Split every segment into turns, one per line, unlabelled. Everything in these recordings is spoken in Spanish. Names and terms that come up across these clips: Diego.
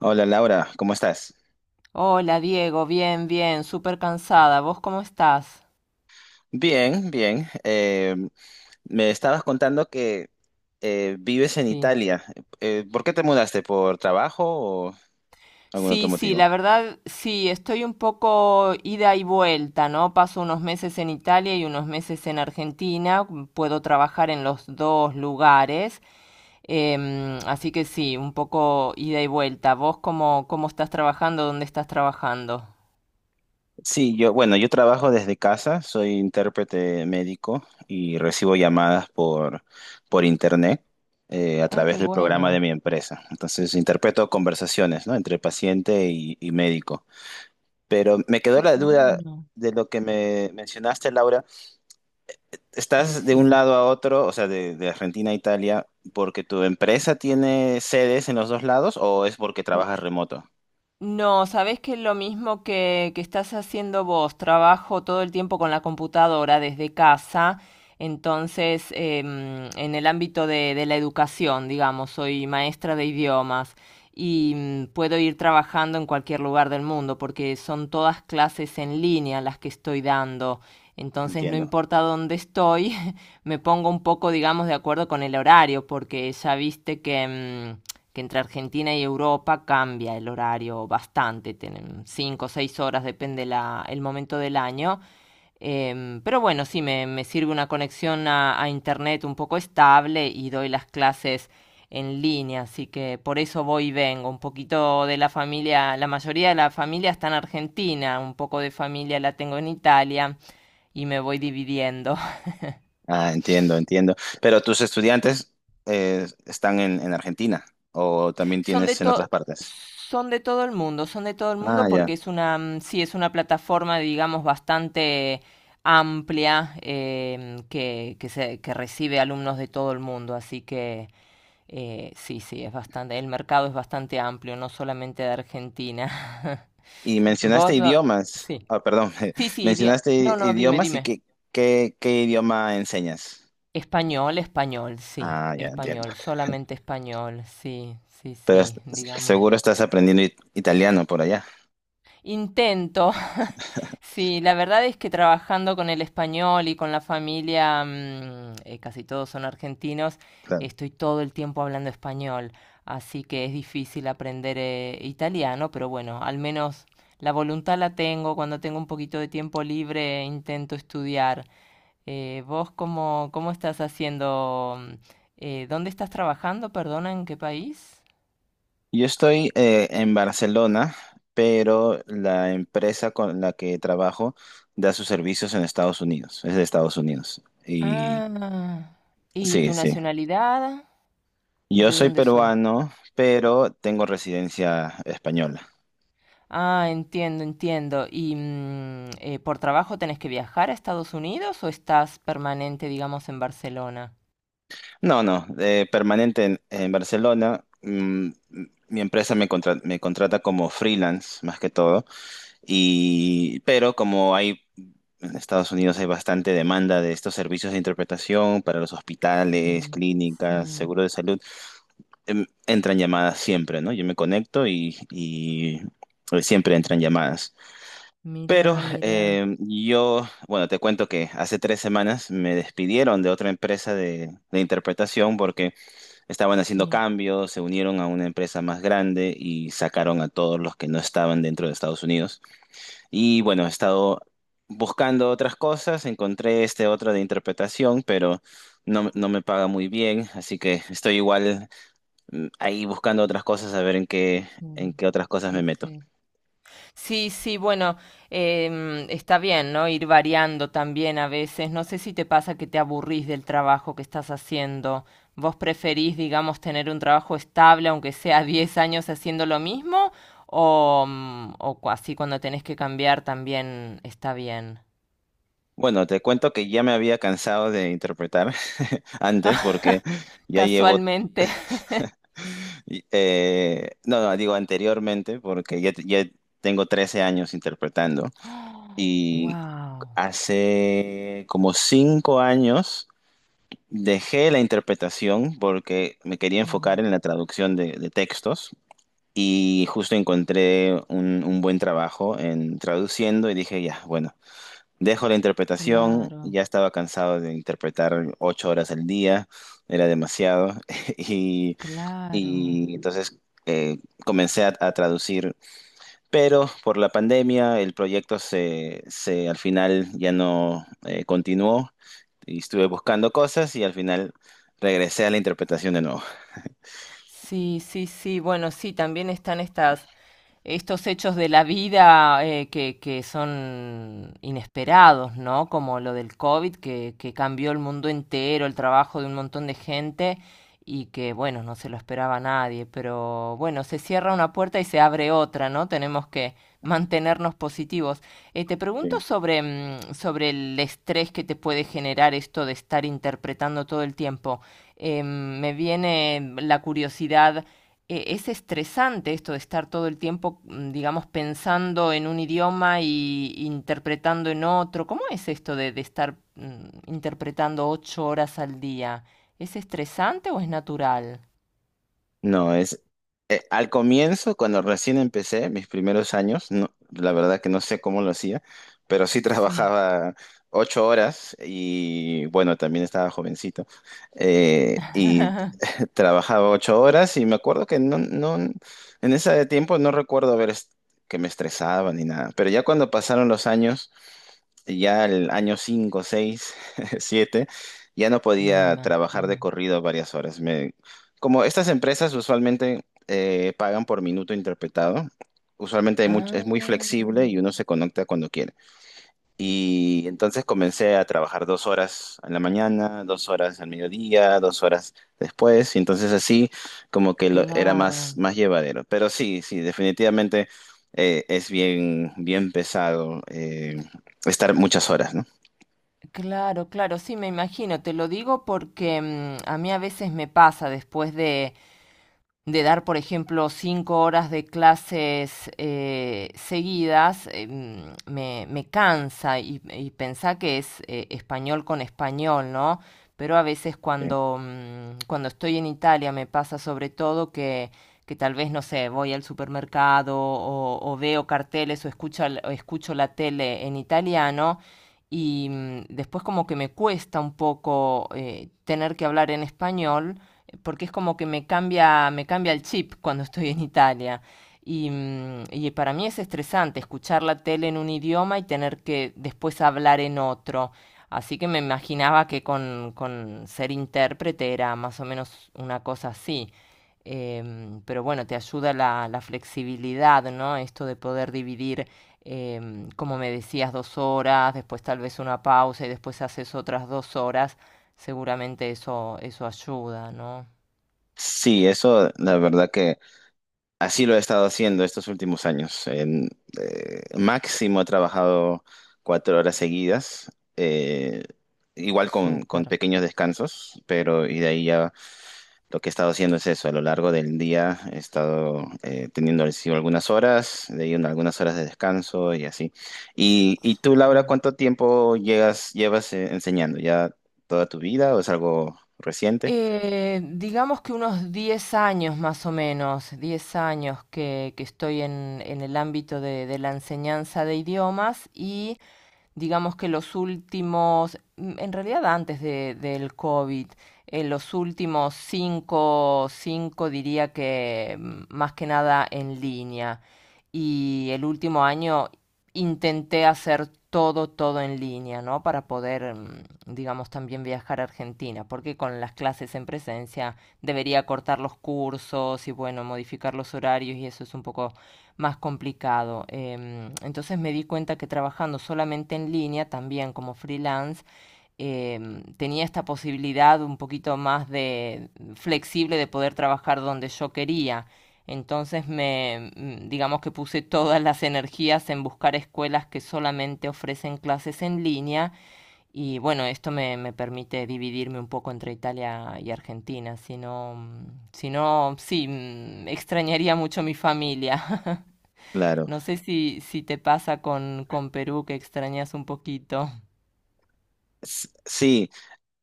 Hola Laura, ¿cómo estás?
Hola Diego, bien, bien, súper cansada. ¿Vos cómo estás?
Bien, bien. Me estabas contando que vives en
Sí.
Italia. ¿Por qué te mudaste? ¿Por trabajo o algún
Sí,
otro
sí, la
motivo?
verdad, sí, estoy un poco ida y vuelta, ¿no? Paso unos meses en Italia y unos meses en Argentina, puedo trabajar en los dos lugares, así que sí, un poco ida y vuelta. ¿Vos cómo estás trabajando? ¿Dónde estás trabajando?
Sí, yo, bueno, yo trabajo desde casa, soy intérprete médico y recibo llamadas por internet a
Ah,
través del programa de mi empresa. Entonces, interpreto conversaciones, ¿no? entre paciente y médico. Pero me quedó
qué
la duda
bueno,
de lo que me mencionaste, Laura. Estás de un
decime.
lado a otro, o sea, de Argentina a Italia, porque tu empresa tiene sedes en los dos lados o es porque trabajas remoto?
No, sabés que es lo mismo que estás haciendo vos. Trabajo todo el tiempo con la computadora desde casa. Entonces, en el ámbito de la educación, digamos, soy maestra de idiomas y puedo ir trabajando en cualquier lugar del mundo porque son todas clases en línea las que estoy dando. Entonces, no
Entiendo.
importa dónde estoy, me pongo un poco, digamos, de acuerdo con el horario, porque ya viste mm, que entre Argentina y Europa cambia el horario bastante, tienen 5 o 6 horas, depende el momento del año. Pero bueno, sí, me sirve una conexión a internet un poco estable y doy las clases en línea, así que por eso voy y vengo. Un poquito de la familia, la mayoría de la familia está en Argentina, un poco de familia la tengo en Italia y me voy dividiendo.
Ah, entiendo, entiendo. ¿Pero tus estudiantes están en Argentina o también
Son de
tienes en otras
to-
partes?
Son de todo el mundo, son de todo el
Ah,
mundo
ya.
porque es una, sí, es una plataforma, digamos, bastante amplia que recibe alumnos de todo el mundo, así que sí, sí, es bastante, el mercado es bastante amplio, no solamente de Argentina.
Y mencionaste
Vos, do-
idiomas.
sí,
Ah, perdón,
sí, sí,
mencionaste
no,
i-
no, dime,
idiomas y
dime.
¿qué idioma enseñas?
Español, español, sí,
Ah, ya entiendo.
español, solamente español, sí, sí,
Pero
sí, digamos.
seguro estás aprendiendo italiano por allá.
Intento. Sí, la verdad es que trabajando con el español y con la familia, casi todos son argentinos,
Claro.
estoy todo el tiempo hablando español, así que es difícil aprender italiano, pero bueno, al menos la voluntad la tengo, cuando tengo un poquito de tiempo libre intento estudiar. ¿Vos cómo estás haciendo? ¿Dónde estás trabajando? Perdona, ¿en qué país?
Yo estoy en Barcelona, pero la empresa con la que trabajo da sus servicios en Estados Unidos, es de Estados Unidos. Y
Ah, ¿y
sí,
tu
sí.
nacionalidad?
Yo
¿De
soy
dónde sos?
peruano, pero tengo residencia española.
Ah, entiendo, entiendo. ¿Y por trabajo tenés que viajar a Estados Unidos o estás permanente, digamos, en Barcelona?
No, no, permanente en Barcelona. Mm, mi empresa me contrata como freelance, más que todo. Y, pero como hay en Estados Unidos hay bastante demanda de estos servicios de interpretación para los hospitales,
Sí,
clínicas,
sí.
seguro de salud, entran llamadas siempre, ¿no? Yo me conecto y siempre entran llamadas. Pero
Mira, mira.
yo, bueno, te cuento que hace 3 semanas me despidieron de otra empresa de interpretación porque estaban haciendo
Sí,
cambios, se unieron a una empresa más grande y sacaron a todos los que no estaban dentro de Estados Unidos. Y bueno, he estado buscando otras cosas, encontré este otro de interpretación, pero no, no me paga muy bien, así que estoy igual ahí buscando otras cosas a ver en qué, en
sí,
qué otras cosas
sí,
me meto.
sí. Sí, sí, bueno, está bien, ¿no? Ir variando también a veces. No sé si te pasa que te aburrís del trabajo que estás haciendo. ¿Vos preferís, digamos, tener un trabajo estable, aunque sea 10 años haciendo lo mismo? O, así cuando tenés que cambiar también está bien.
Bueno, te cuento que ya me había cansado de interpretar antes porque ya llevo,
Casualmente.
no, no, digo anteriormente porque ya tengo 13 años interpretando y
Wow.
hace como 5 años dejé la interpretación porque me quería
Sí,
enfocar en la traducción de textos y justo encontré un buen trabajo en traduciendo y dije, ya, bueno, dejo la interpretación,
claro,
ya estaba cansado de interpretar 8 horas al día, era demasiado y,
claro.
y entonces eh, comencé a traducir, pero por la pandemia el proyecto se al final ya no continuó y estuve buscando cosas y al final regresé a la interpretación de nuevo.
Sí, sí, sí. Bueno, sí, también están estas estos hechos de la vida que son inesperados, ¿no? Como lo del COVID, que cambió el mundo entero, el trabajo de un montón de gente y que, bueno, no se lo esperaba nadie, pero bueno, se cierra una puerta y se abre otra, ¿no? Tenemos que mantenernos positivos. Te pregunto
Sí.
sobre el estrés que te puede generar esto de estar interpretando todo el tiempo. Me viene la curiosidad es estresante esto de estar todo el tiempo, digamos, pensando en un idioma y interpretando en otro. ¿Cómo es esto de estar interpretando 8 horas al día? ¿Es estresante o es natural?
No, es al comienzo, cuando recién empecé mis primeros años, no, la verdad que no sé cómo lo hacía, pero sí
Sí.
trabajaba 8 horas y bueno, también estaba jovencito y trabajaba 8 horas y me acuerdo que no, no, en ese tiempo no recuerdo que me estresaba ni nada, pero ya cuando pasaron los años ya el año 5 6 7 ya no
Me
podía trabajar de
imagino.
corrido varias horas. Como estas empresas usualmente pagan por minuto interpretado, usualmente
Ah,
es muy flexible y uno se conecta cuando quiere. Y entonces comencé a trabajar 2 horas en la mañana, 2 horas al mediodía, 2 horas después, y entonces así era
claro,
más, más llevadero. Pero sí, sí, definitivamente es bien, bien pesado estar muchas horas, ¿no?
claro, claro, sí, me imagino. Te lo digo porque a mí a veces me pasa después de dar, por ejemplo, 5 horas de clases seguidas, me cansa y pensá que es español con español, ¿no? Pero a veces
Sí.
cuando estoy en Italia me pasa sobre todo que tal vez, no sé, voy al supermercado o veo carteles o o escucho la tele en italiano y después como que me cuesta un poco tener que hablar en español porque es como que me cambia el chip cuando estoy en Italia. Y para mí es estresante escuchar la tele en un idioma y tener que después hablar en otro. Así que me imaginaba que con ser intérprete era más o menos una cosa así. Pero bueno, te ayuda la flexibilidad, ¿no? Esto de poder dividir, como me decías, 2 horas, después tal vez una pausa y después haces otras 2 horas. Seguramente eso ayuda, ¿no?
Sí, eso la verdad que así lo he estado haciendo estos últimos años. Máximo he trabajado 4 horas seguidas, eh, igual con
Súper.
pequeños descansos, pero y de ahí ya lo que he estado haciendo es eso, a lo largo del día he estado teniendo el sí algunas horas, de ahí algunas horas de descanso y así. Y tú, Laura,
Sí.
¿cuánto tiempo llevas enseñando? ¿Ya toda tu vida o es algo reciente?
Digamos que unos 10 años más o menos, 10 años que estoy en el ámbito de la enseñanza de idiomas y digamos que los últimos, en realidad antes del COVID, en los últimos 5 diría que más que nada en línea y el último año intenté hacer todo, todo en línea, ¿no? Para poder, digamos, también viajar a Argentina, porque con las clases en presencia debería cortar los cursos y, bueno, modificar los horarios y eso es un poco más complicado. Entonces me di cuenta que trabajando solamente en línea, también como freelance, tenía esta posibilidad un poquito más de flexible de poder trabajar donde yo quería. Entonces digamos que puse todas las energías en buscar escuelas que solamente ofrecen clases en línea y bueno, esto me permite dividirme un poco entre Italia y Argentina, si no, si no, sí, extrañaría mucho mi familia.
Claro.
No sé si te pasa con Perú que extrañas un poquito.
Sí,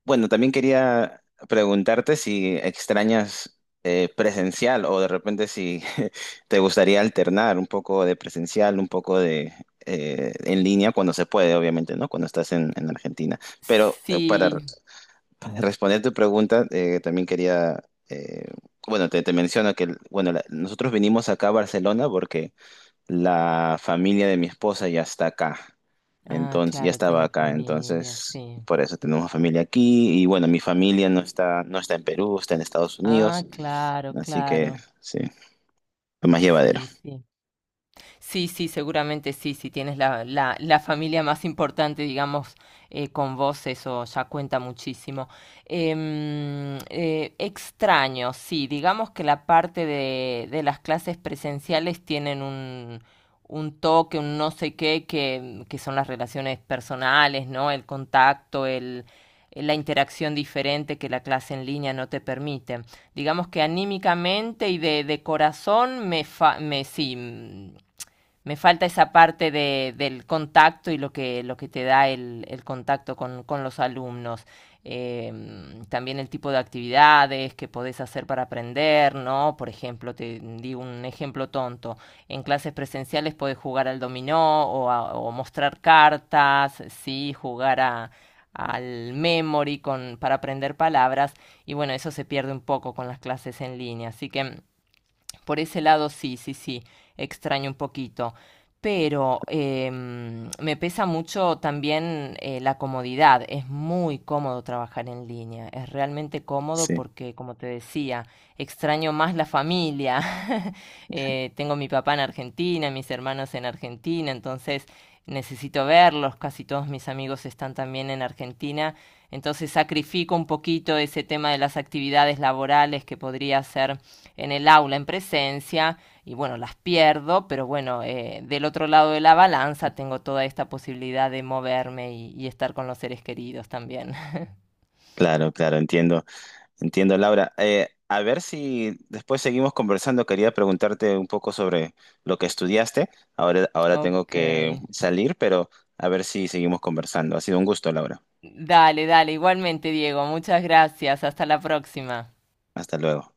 bueno, también quería preguntarte si extrañas presencial o de repente si te gustaría alternar un poco de presencial, un poco de en línea cuando se puede, obviamente, ¿no? Cuando estás en Argentina. Pero para,
Sí,
para responder tu pregunta, también quería, eh, bueno, te menciono que, bueno, nosotros vinimos acá a Barcelona porque la familia de mi esposa ya está acá,
ah,
entonces ya
claro,
estaba
tienes
acá,
familia,
entonces
sí.
por eso tenemos familia aquí y bueno, mi familia no está, en Perú, está en Estados
Ah,
Unidos,
claro,
así que
claro.
sí, fue más llevadero.
Sí, sí. Sí, sí, seguramente sí, si tienes la familia más importante, digamos, con vos, eso ya cuenta muchísimo. Extraño, sí, digamos que la parte de las clases presenciales tienen un toque, un no sé qué, que son las relaciones personales, ¿no? El contacto, el, la interacción diferente que la clase en línea no te permite digamos que anímicamente y de corazón me sí, me falta esa parte del contacto y lo que te da el contacto con los alumnos. También el tipo de actividades que podés hacer para aprender, ¿no? Por ejemplo, te di un ejemplo tonto. En clases presenciales podés jugar al dominó o, o mostrar cartas, sí, jugar al memory con, para aprender palabras y bueno, eso se pierde un poco con las clases en línea. Así que por ese lado sí, sí, sí, extraño un poquito. Pero me pesa mucho también la comodidad. Es muy cómodo trabajar en línea. Es realmente cómodo
Sí,
porque, como te decía, extraño más la familia. Tengo mi papá en Argentina, mis hermanos en Argentina, entonces necesito verlos. Casi todos mis amigos están también en Argentina. Entonces sacrifico un poquito ese tema de las actividades laborales que podría hacer en el aula en presencia y bueno, las pierdo, pero bueno, del otro lado de la balanza tengo toda esta posibilidad de moverme y estar con los seres queridos también.
claro, claro, entiendo, entiendo, Laura. A ver si después seguimos conversando, quería preguntarte un poco sobre lo que estudiaste. Ahora tengo
Ok.
que salir, pero a ver si seguimos conversando. Ha sido un gusto, Laura.
Dale, dale, igualmente Diego, muchas gracias, hasta la próxima.
Hasta luego.